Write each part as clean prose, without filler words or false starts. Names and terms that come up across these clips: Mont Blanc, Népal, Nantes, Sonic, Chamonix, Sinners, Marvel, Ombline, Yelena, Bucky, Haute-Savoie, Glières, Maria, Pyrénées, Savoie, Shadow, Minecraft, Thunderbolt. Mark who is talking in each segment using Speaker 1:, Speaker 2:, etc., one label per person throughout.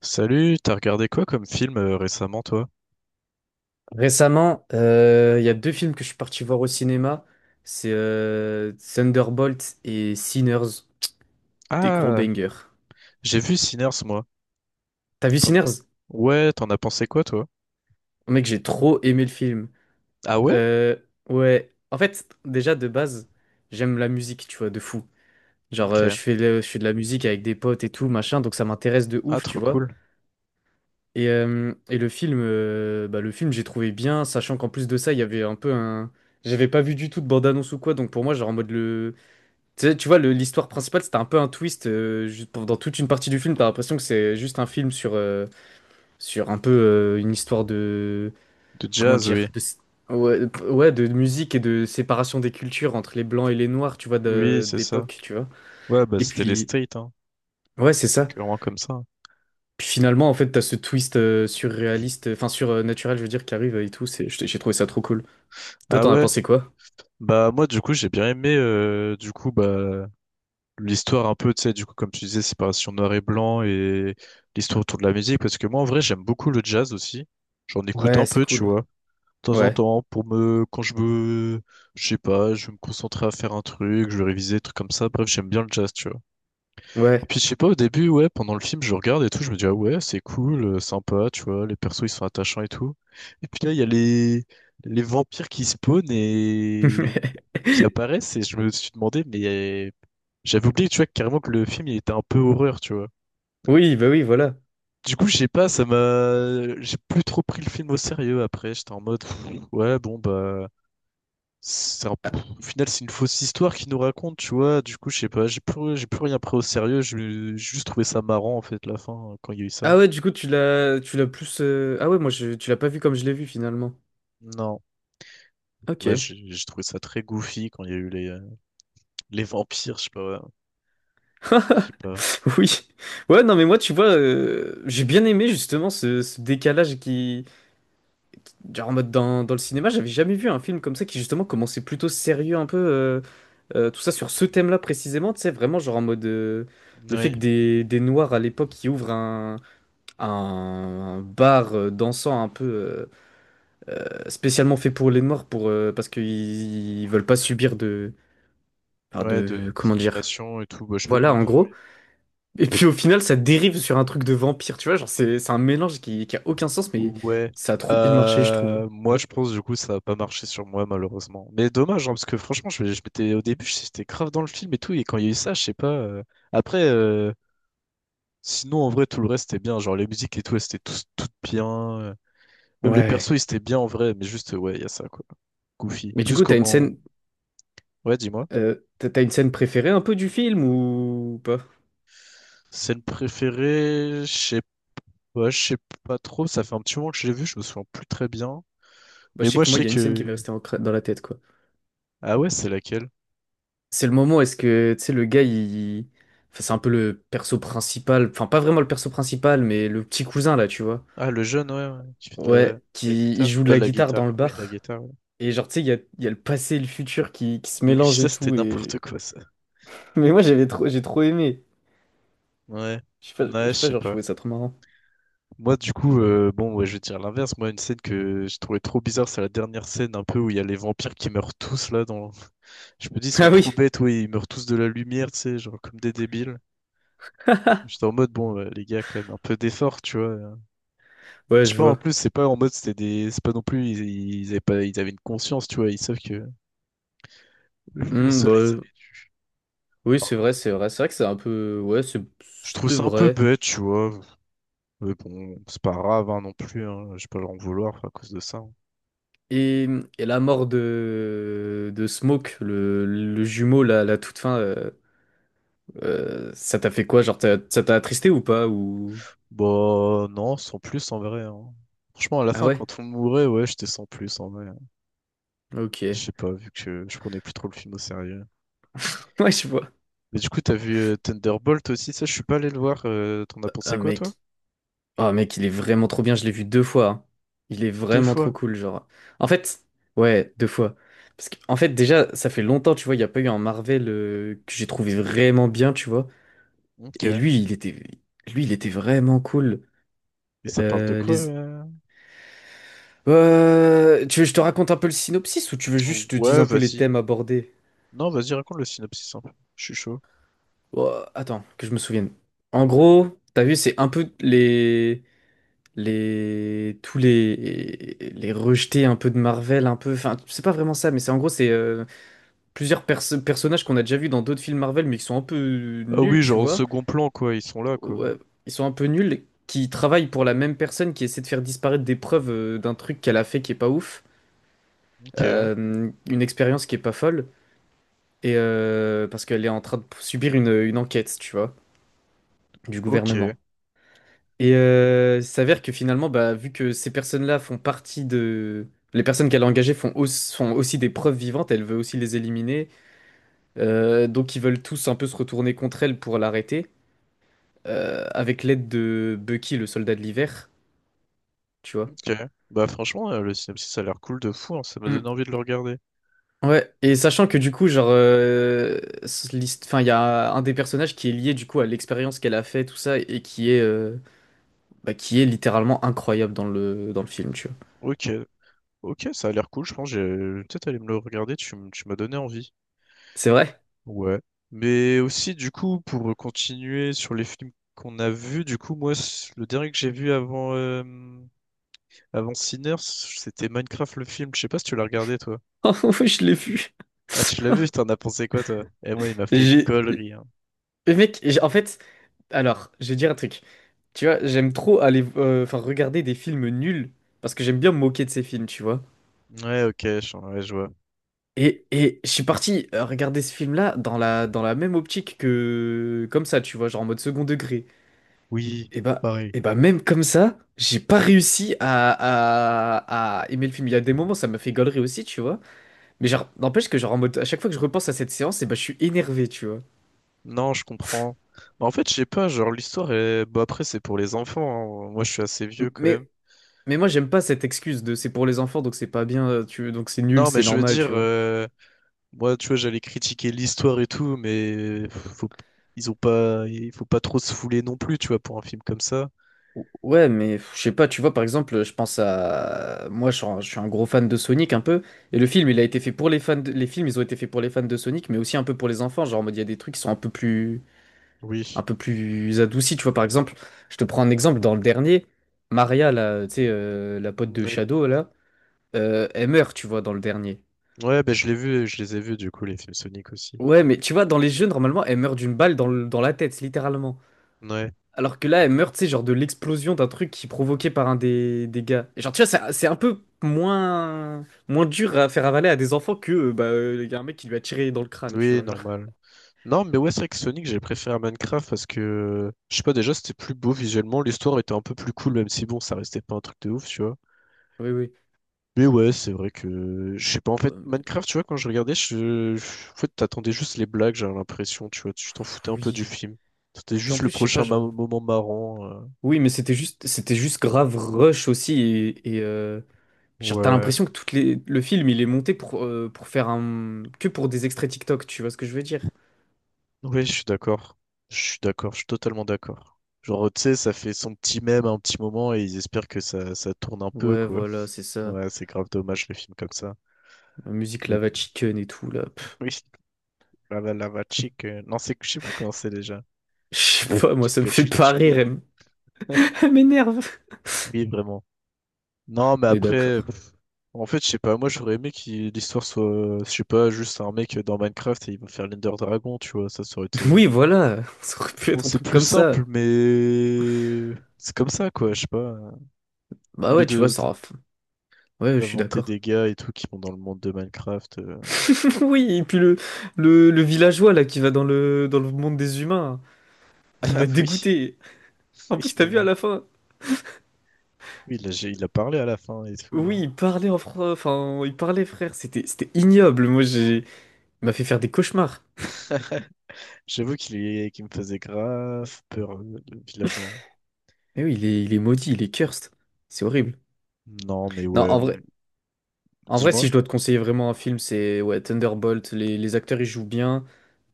Speaker 1: Salut, t'as regardé quoi comme film récemment, toi?
Speaker 2: Récemment, il y a deux films que je suis parti voir au cinéma. C'est Thunderbolt et Sinners, des gros
Speaker 1: Ah,
Speaker 2: bangers.
Speaker 1: j'ai vu Sinners, moi.
Speaker 2: T'as vu
Speaker 1: T'en-
Speaker 2: Sinners?
Speaker 1: Ouais, t'en as pensé quoi, toi?
Speaker 2: Mec, j'ai trop aimé le film.
Speaker 1: Ah ouais?
Speaker 2: Euh, ouais, en fait, déjà de base, j'aime la musique, tu vois, de fou. Genre,
Speaker 1: Ok.
Speaker 2: je fais, je fais de la musique avec des potes et tout, machin, donc ça m'intéresse de
Speaker 1: Ah,
Speaker 2: ouf, tu
Speaker 1: trop
Speaker 2: vois.
Speaker 1: cool.
Speaker 2: Et le film, bah, le film, j'ai trouvé bien, sachant qu'en plus de ça, il y avait un peu un. J'avais pas vu du tout de bande-annonce ou quoi, donc pour moi, genre en mode le. Tu sais, tu vois, l'histoire principale, c'était un peu un twist. Juste dans toute une partie du film, t'as l'impression que c'est juste un film sur, sur un peu une histoire de.
Speaker 1: De
Speaker 2: Comment
Speaker 1: jazz, oui.
Speaker 2: dire? De. Ouais, de ouais, de musique et de séparation des cultures entre les blancs et les noirs, tu vois,
Speaker 1: Oui, c'est ça.
Speaker 2: d'époque, tu vois.
Speaker 1: Ouais, bah
Speaker 2: Et
Speaker 1: c'était les
Speaker 2: puis.
Speaker 1: streets, hein.
Speaker 2: Ouais, c'est
Speaker 1: C'est
Speaker 2: ça.
Speaker 1: clairement comme ça.
Speaker 2: Puis finalement, en fait, t'as ce twist surréaliste, enfin surnaturel, je veux dire, qui arrive et tout. J'ai trouvé ça trop cool. Toi,
Speaker 1: Ah
Speaker 2: t'en as
Speaker 1: ouais?
Speaker 2: pensé quoi?
Speaker 1: Bah moi, du coup, j'ai bien aimé, du coup, bah l'histoire un peu, tu sais, du coup, comme tu disais, séparation noir et blanc et l'histoire autour de la musique, parce que moi, en vrai, j'aime beaucoup le jazz aussi. J'en écoute un
Speaker 2: Ouais, c'est
Speaker 1: peu, tu
Speaker 2: cool.
Speaker 1: vois, de temps en
Speaker 2: Ouais,
Speaker 1: temps pour me quand je me je sais pas, je vais me concentrer à faire un truc, je vais réviser des trucs comme ça, bref, j'aime bien le jazz, tu vois, et
Speaker 2: ouais.
Speaker 1: puis je sais pas, au début, ouais, pendant le film, je regarde et tout, je me dis ah ouais c'est cool, sympa, tu vois, les persos ils sont attachants et tout, et puis là il y a les vampires qui spawnent et qui apparaissent, et je me suis demandé mais j'avais oublié, tu vois, carrément que le film il était un peu horreur, tu vois.
Speaker 2: Oui, bah oui, voilà.
Speaker 1: Du coup, je sais pas, ça m'a. J'ai plus trop pris le film au sérieux après. J'étais en mode, pff, ouais, bon, bah,
Speaker 2: Ah,
Speaker 1: au final, c'est une fausse histoire qu'il nous raconte, tu vois. Du coup, je sais pas, j'ai plus rien pris au sérieux. J'ai juste trouvé ça marrant, en fait, la fin, hein, quand il y a eu ça.
Speaker 2: ah ouais, du coup, tu l'as plus. Ah ouais, moi, je, tu l'as pas vu comme je l'ai vu finalement.
Speaker 1: Non.
Speaker 2: Ok.
Speaker 1: Ouais, j'ai trouvé ça très goofy quand il y a eu les vampires, je sais pas. Ouais. Je sais pas.
Speaker 2: Oui. Ouais, non, mais moi, tu vois, j'ai bien aimé justement ce décalage qui, genre en mode dans le cinéma, j'avais jamais vu un film comme ça qui justement commençait plutôt sérieux un peu, tout ça sur ce thème-là précisément, tu sais, vraiment genre en mode le fait
Speaker 1: Ouais,
Speaker 2: que des noirs à l'époque qui ouvrent un bar dansant un peu spécialement fait pour les noirs pour, parce qu'ils veulent pas subir de, enfin
Speaker 1: ouais, de
Speaker 2: de, comment dire,
Speaker 1: discrimination et tout. Bah, je sais pas
Speaker 2: voilà
Speaker 1: comment
Speaker 2: en
Speaker 1: dire,
Speaker 2: gros.
Speaker 1: ouais.
Speaker 2: Et puis au final ça dérive sur un truc de vampire, tu vois, genre c'est un mélange qui a aucun sens mais
Speaker 1: Ouais.
Speaker 2: ça a trop bien marché je trouve.
Speaker 1: Moi, je pense, du coup, ça a pas marché sur moi, malheureusement. Mais dommage, hein, parce que franchement, je m'étais, au début, j'étais grave dans le film et tout. Et quand il y a eu ça, je sais pas. Après. Sinon, en vrai, tout le reste était bien. Genre, les musiques et tout, elles étaient toutes bien. Même les persos,
Speaker 2: Ouais.
Speaker 1: ils étaient bien en vrai. Mais juste, ouais, il y a ça, quoi. Goofy.
Speaker 2: Mais du
Speaker 1: Plus
Speaker 2: coup, t'as une
Speaker 1: comment.
Speaker 2: scène,
Speaker 1: Ouais, dis-moi.
Speaker 2: euh, t'as une scène préférée un peu du film ou pas?
Speaker 1: Scène préférée, je sais pas trop. Ça fait un petit moment que je l'ai vu, je me souviens plus très bien.
Speaker 2: Bah,
Speaker 1: Mais
Speaker 2: je sais
Speaker 1: moi, je
Speaker 2: que moi, il
Speaker 1: sais
Speaker 2: y a une scène qui m'est
Speaker 1: que.
Speaker 2: restée en dans la tête, quoi.
Speaker 1: Ah ouais, c'est laquelle?
Speaker 2: C'est le moment où est-ce que, tu sais, le gars, il. Enfin, c'est un peu le perso principal. Enfin, pas vraiment le perso principal, mais le petit cousin, là, tu vois.
Speaker 1: Ah, le jeune, ouais, ouais, qui fait de la,
Speaker 2: Ouais, qui il joue de la guitare dans le
Speaker 1: La
Speaker 2: bar.
Speaker 1: guitare. Ouais.
Speaker 2: Et genre, tu sais, il y a le passé et le futur qui se
Speaker 1: Oui,
Speaker 2: mélangent
Speaker 1: ça,
Speaker 2: et
Speaker 1: c'était
Speaker 2: tout.
Speaker 1: n'importe quoi, ça.
Speaker 2: Mais moi, j'avais trop. J'ai trop aimé.
Speaker 1: Ouais. Ouais,
Speaker 2: Je
Speaker 1: je
Speaker 2: sais pas,
Speaker 1: sais
Speaker 2: genre, je
Speaker 1: pas.
Speaker 2: trouvais ça trop marrant.
Speaker 1: Moi, du coup, bon, ouais, je vais dire l'inverse. Moi, une scène que je trouvais trop bizarre, c'est la dernière scène un peu où il y a les vampires qui meurent tous là. Dans... Je me dis, ils sont
Speaker 2: Ah
Speaker 1: trop
Speaker 2: oui!
Speaker 1: bêtes, ouais, ils meurent tous de la lumière, tu sais, genre comme des débiles. J'étais en mode, bon, les gars, quand même, un peu d'effort, tu vois.
Speaker 2: Ouais,
Speaker 1: Je sais
Speaker 2: je
Speaker 1: pas, en
Speaker 2: vois.
Speaker 1: plus, c'est pas en mode, c'était des. C'est pas non plus, ils avaient pas... ils avaient une conscience, tu vois, ils savent que le
Speaker 2: Hmm,
Speaker 1: soleil, ça
Speaker 2: bah,
Speaker 1: les tue.
Speaker 2: oui, c'est vrai, c'est vrai. C'est vrai que c'est un peu. Ouais,
Speaker 1: Je trouve
Speaker 2: c'est
Speaker 1: ça un peu
Speaker 2: vrai.
Speaker 1: bête, tu vois. Mais bon, c'est pas grave, hein, non plus, hein. Je vais pas leur en vouloir à cause de ça, hein.
Speaker 2: Et, et la mort de Smoke, le jumeau, la toute fin, ça t'a fait quoi? Genre, ça t'a attristé ou pas? Ou...
Speaker 1: Bah non, sans plus en vrai, hein. Franchement, à la
Speaker 2: Ah
Speaker 1: fin,
Speaker 2: ouais?
Speaker 1: quand on mourait, ouais, j'étais sans plus en vrai.
Speaker 2: Ok.
Speaker 1: Je sais pas, vu que je prenais plus trop le film au sérieux.
Speaker 2: Ouais, je vois.
Speaker 1: Mais du coup, t'as vu Thunderbolt aussi, ça, je suis pas allé le voir. T'en as
Speaker 2: Ah
Speaker 1: pensé quoi, toi?
Speaker 2: mec. Ah mec, il est vraiment trop bien, je l'ai vu deux fois. Hein. Il est
Speaker 1: Deux
Speaker 2: vraiment trop
Speaker 1: fois.
Speaker 2: cool, genre. En fait, ouais, deux fois. Parce que, en fait, déjà, ça fait longtemps, tu vois, il n'y a pas eu un Marvel que j'ai trouvé vraiment bien, tu vois.
Speaker 1: Ok.
Speaker 2: Et
Speaker 1: Et
Speaker 2: lui, il était vraiment cool.
Speaker 1: ça parle de
Speaker 2: Euh,
Speaker 1: quoi?
Speaker 2: les, Tu veux que je te raconte un peu le synopsis ou tu veux juste que je te dise
Speaker 1: Ouais,
Speaker 2: un peu les
Speaker 1: vas-y.
Speaker 2: thèmes abordés?
Speaker 1: Non, vas-y, raconte le synopsis un peu. Je suis chaud.
Speaker 2: Oh, attends, que je me souvienne. En gros, t'as vu, c'est un peu tous les rejetés un peu de Marvel, un peu, enfin, c'est pas vraiment ça, mais c'est en gros, c'est plusieurs personnages qu'on a déjà vus dans d'autres films Marvel, mais qui sont un peu
Speaker 1: Ah
Speaker 2: nuls,
Speaker 1: oui,
Speaker 2: tu
Speaker 1: genre au
Speaker 2: vois.
Speaker 1: second plan, quoi, ils sont là, quoi.
Speaker 2: Ouais, ils sont un peu nuls, qui travaillent pour la même personne, qui essaie de faire disparaître des preuves d'un truc qu'elle a fait qui est pas ouf,
Speaker 1: Ok,
Speaker 2: une expérience qui est pas folle. Et parce qu'elle est en train de subir une enquête, tu vois, du
Speaker 1: ok,
Speaker 2: gouvernement. Et il s'avère que finalement, bah, vu que ces personnes-là font partie de... Les personnes qu'elle a engagées font, font aussi des preuves vivantes, elle veut aussi les éliminer. Donc ils veulent tous un peu se retourner contre elle pour l'arrêter, avec l'aide de Bucky, le soldat de l'hiver, tu vois.
Speaker 1: ok. Bah franchement, le synopsis, ça a l'air cool de fou, hein, ça m'a donné
Speaker 2: Mm.
Speaker 1: envie de le regarder.
Speaker 2: Ouais, et sachant que du coup, genre, euh. Enfin, il y a un des personnages qui est lié du coup à l'expérience qu'elle a fait, tout ça, et qui est, bah, qui est littéralement incroyable dans le film, tu vois.
Speaker 1: Ok, ok, ça a l'air cool, je pense. J'ai peut-être aller me le regarder, tu m'as donné envie.
Speaker 2: C'est vrai?
Speaker 1: Ouais. Mais aussi, du coup, pour continuer sur les films qu'on a vus, du coup, moi, le dernier que j'ai vu avant, avant Sinners, c'était Minecraft le film. Je sais pas si tu l'as regardé, toi.
Speaker 2: Oh ouais, je l'ai vu.
Speaker 1: Ah, tu l'as vu, t'en as pensé quoi, toi? Eh, moi, il m'a fait
Speaker 2: J'ai,
Speaker 1: gollerie, hein.
Speaker 2: mais mec, alors, je vais dire un truc. Tu vois, j'aime trop aller, enfin, regarder des films nuls parce que j'aime bien me moquer de ces films, tu vois.
Speaker 1: Ouais, ok, ouais, je vois.
Speaker 2: Et je suis parti regarder ce film-là dans la même optique que comme ça, tu vois, genre en mode second degré.
Speaker 1: Oui,
Speaker 2: Et bah,
Speaker 1: pareil.
Speaker 2: et bah même comme ça, j'ai pas réussi à aimer le film. Il y a des moments, ça m'a fait galerie aussi, tu vois. Mais genre, n'empêche que genre en mode, à chaque fois que je repense à cette séance, et bah, je suis énervé, tu vois.
Speaker 1: Non, je comprends. Bah, en fait, je sais pas, genre, l'histoire est... Bah, après, c'est pour les enfants, hein. Moi, je suis assez vieux
Speaker 2: M-
Speaker 1: quand même.
Speaker 2: Mais, mais moi, j'aime pas cette excuse de c'est pour les enfants, donc c'est pas bien, tu donc c'est nul,
Speaker 1: Non, mais
Speaker 2: c'est
Speaker 1: je veux
Speaker 2: normal,
Speaker 1: dire,
Speaker 2: tu vois.
Speaker 1: moi, tu vois, j'allais critiquer l'histoire et tout, ils ont pas, il faut pas trop se fouler non plus, tu vois, pour un film comme ça.
Speaker 2: Ouais, mais pff, je sais pas, tu vois, par exemple, je pense à... Moi, je suis un gros fan de Sonic, un peu, et le film, il a
Speaker 1: Mhm.
Speaker 2: été fait pour les fans de. Les films, ils ont été faits pour les fans de Sonic, mais aussi un peu pour les enfants, genre en mode, il y a des trucs qui sont un peu plus...
Speaker 1: Oui.
Speaker 2: Un peu plus adoucis, tu vois, par exemple, je te prends un exemple, dans le dernier, Maria, là, tu sais, la pote de
Speaker 1: Oui.
Speaker 2: Shadow, là, elle meurt, tu vois, dans le dernier.
Speaker 1: Ouais, ben je l'ai vu, je les ai vus du coup, les films Sonic aussi.
Speaker 2: Ouais, mais tu vois, dans les jeux, normalement, elle meurt d'une balle dans, dans la tête, littéralement.
Speaker 1: Ouais.
Speaker 2: Alors que là, elle meurt, tu sais, genre de l'explosion d'un truc qui est provoqué par un des gars. Et genre, tu vois, c'est un peu moins, moins dur à faire avaler à des enfants que, bah, il y a un mec qui lui a tiré dans le crâne, tu
Speaker 1: Oui,
Speaker 2: vois, genre.
Speaker 1: normal. Non, mais ouais, c'est vrai que Sonic, j'ai préféré à Minecraft parce que, je sais pas, déjà, c'était plus beau visuellement, l'histoire était un peu plus cool, même si bon, ça restait pas un truc de ouf, tu vois.
Speaker 2: Oui, oui.
Speaker 1: Mais ouais, c'est vrai que je sais pas en fait
Speaker 2: Ouais, mais-
Speaker 1: Minecraft, tu vois quand je regardais, je en fait t'attendais juste les blagues, j'avais l'impression, tu vois, tu t'en foutais un peu du
Speaker 2: Oui.
Speaker 1: film. C'était
Speaker 2: Puis en
Speaker 1: juste le
Speaker 2: plus, je sais pas,
Speaker 1: prochain
Speaker 2: genre.
Speaker 1: moment marrant.
Speaker 2: Oui, mais c'était juste grave rush aussi. Et, genre, t'as
Speaker 1: Ouais.
Speaker 2: l'impression que toutes les, le film, il est monté pour faire un. Que pour des extraits TikTok, tu vois ce que je veux dire?
Speaker 1: Ouais, je suis d'accord. Je suis d'accord, je suis totalement d'accord. Genre tu sais, ça fait son petit mème à un petit moment et ils espèrent que ça tourne un peu
Speaker 2: Ouais,
Speaker 1: quoi.
Speaker 2: voilà, c'est ça.
Speaker 1: Ouais, c'est grave dommage le film comme ça.
Speaker 2: La musique
Speaker 1: Mais
Speaker 2: Lava Chicken et tout, là.
Speaker 1: oui, lava chick. Non, c'est je sais plus comment c'est déjà.
Speaker 2: Je sais pas, moi, ça me
Speaker 1: Chica
Speaker 2: fait
Speaker 1: chick
Speaker 2: pas
Speaker 1: chick.
Speaker 2: rire. Elle m'énerve.
Speaker 1: Oui, vraiment. Non, mais
Speaker 2: On est
Speaker 1: après.
Speaker 2: d'accord.
Speaker 1: En fait, je sais pas, moi j'aurais aimé que l'histoire soit, je sais pas, juste un mec dans Minecraft et il va faire l'Ender Dragon, tu vois, ça aurait été...
Speaker 2: Oui, voilà. Ça aurait pu
Speaker 1: Bon,
Speaker 2: être un
Speaker 1: c'est
Speaker 2: truc
Speaker 1: plus
Speaker 2: comme ça.
Speaker 1: simple, mais c'est comme ça, quoi, je sais pas. Au
Speaker 2: Bah
Speaker 1: lieu
Speaker 2: ouais, tu vois, ça aura... Ouais, je suis
Speaker 1: d'inventer
Speaker 2: d'accord.
Speaker 1: des gars et tout qui vont dans le monde de Minecraft...
Speaker 2: Oui, et puis le villageois, là, qui va dans le monde des humains. Ah, il
Speaker 1: Ah
Speaker 2: m'a
Speaker 1: oui,
Speaker 2: dégoûté. En
Speaker 1: oui,
Speaker 2: plus, t'as vu à
Speaker 1: vraiment.
Speaker 2: la fin.
Speaker 1: Oui, il a parlé à la fin et tout. Et
Speaker 2: Oui, il parlait en français. Enfin, il parlait, frère. C'était, c'était ignoble. Moi, j'ai... Il m'a fait faire des cauchemars.
Speaker 1: j'avoue qu'il est, qu'il me faisait grave peur, le villageois.
Speaker 2: Mais oui, il est maudit, il est cursed. C'est horrible.
Speaker 1: Non, mais
Speaker 2: Non,
Speaker 1: ouais,
Speaker 2: en vrai.
Speaker 1: m-
Speaker 2: En vrai, si
Speaker 1: Dis-moi.
Speaker 2: je dois te conseiller vraiment un film, c'est ouais, Thunderbolt. Les acteurs, ils jouent bien.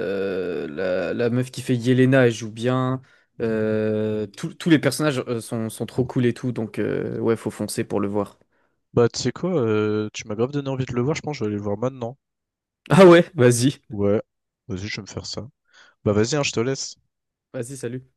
Speaker 2: La, la meuf qui fait Yelena, elle joue bien. Euh, tous les personnages sont, sont trop cool et tout. Donc, ouais, faut foncer pour le voir.
Speaker 1: Bah, tu sais quoi, tu m'as grave donné envie de le voir, je pense que je vais aller le voir maintenant.
Speaker 2: Ah ouais, vas-y.
Speaker 1: Ouais, vas-y, je vais me faire ça. Bah vas-y, hein, je te laisse.
Speaker 2: Vas-y, salut.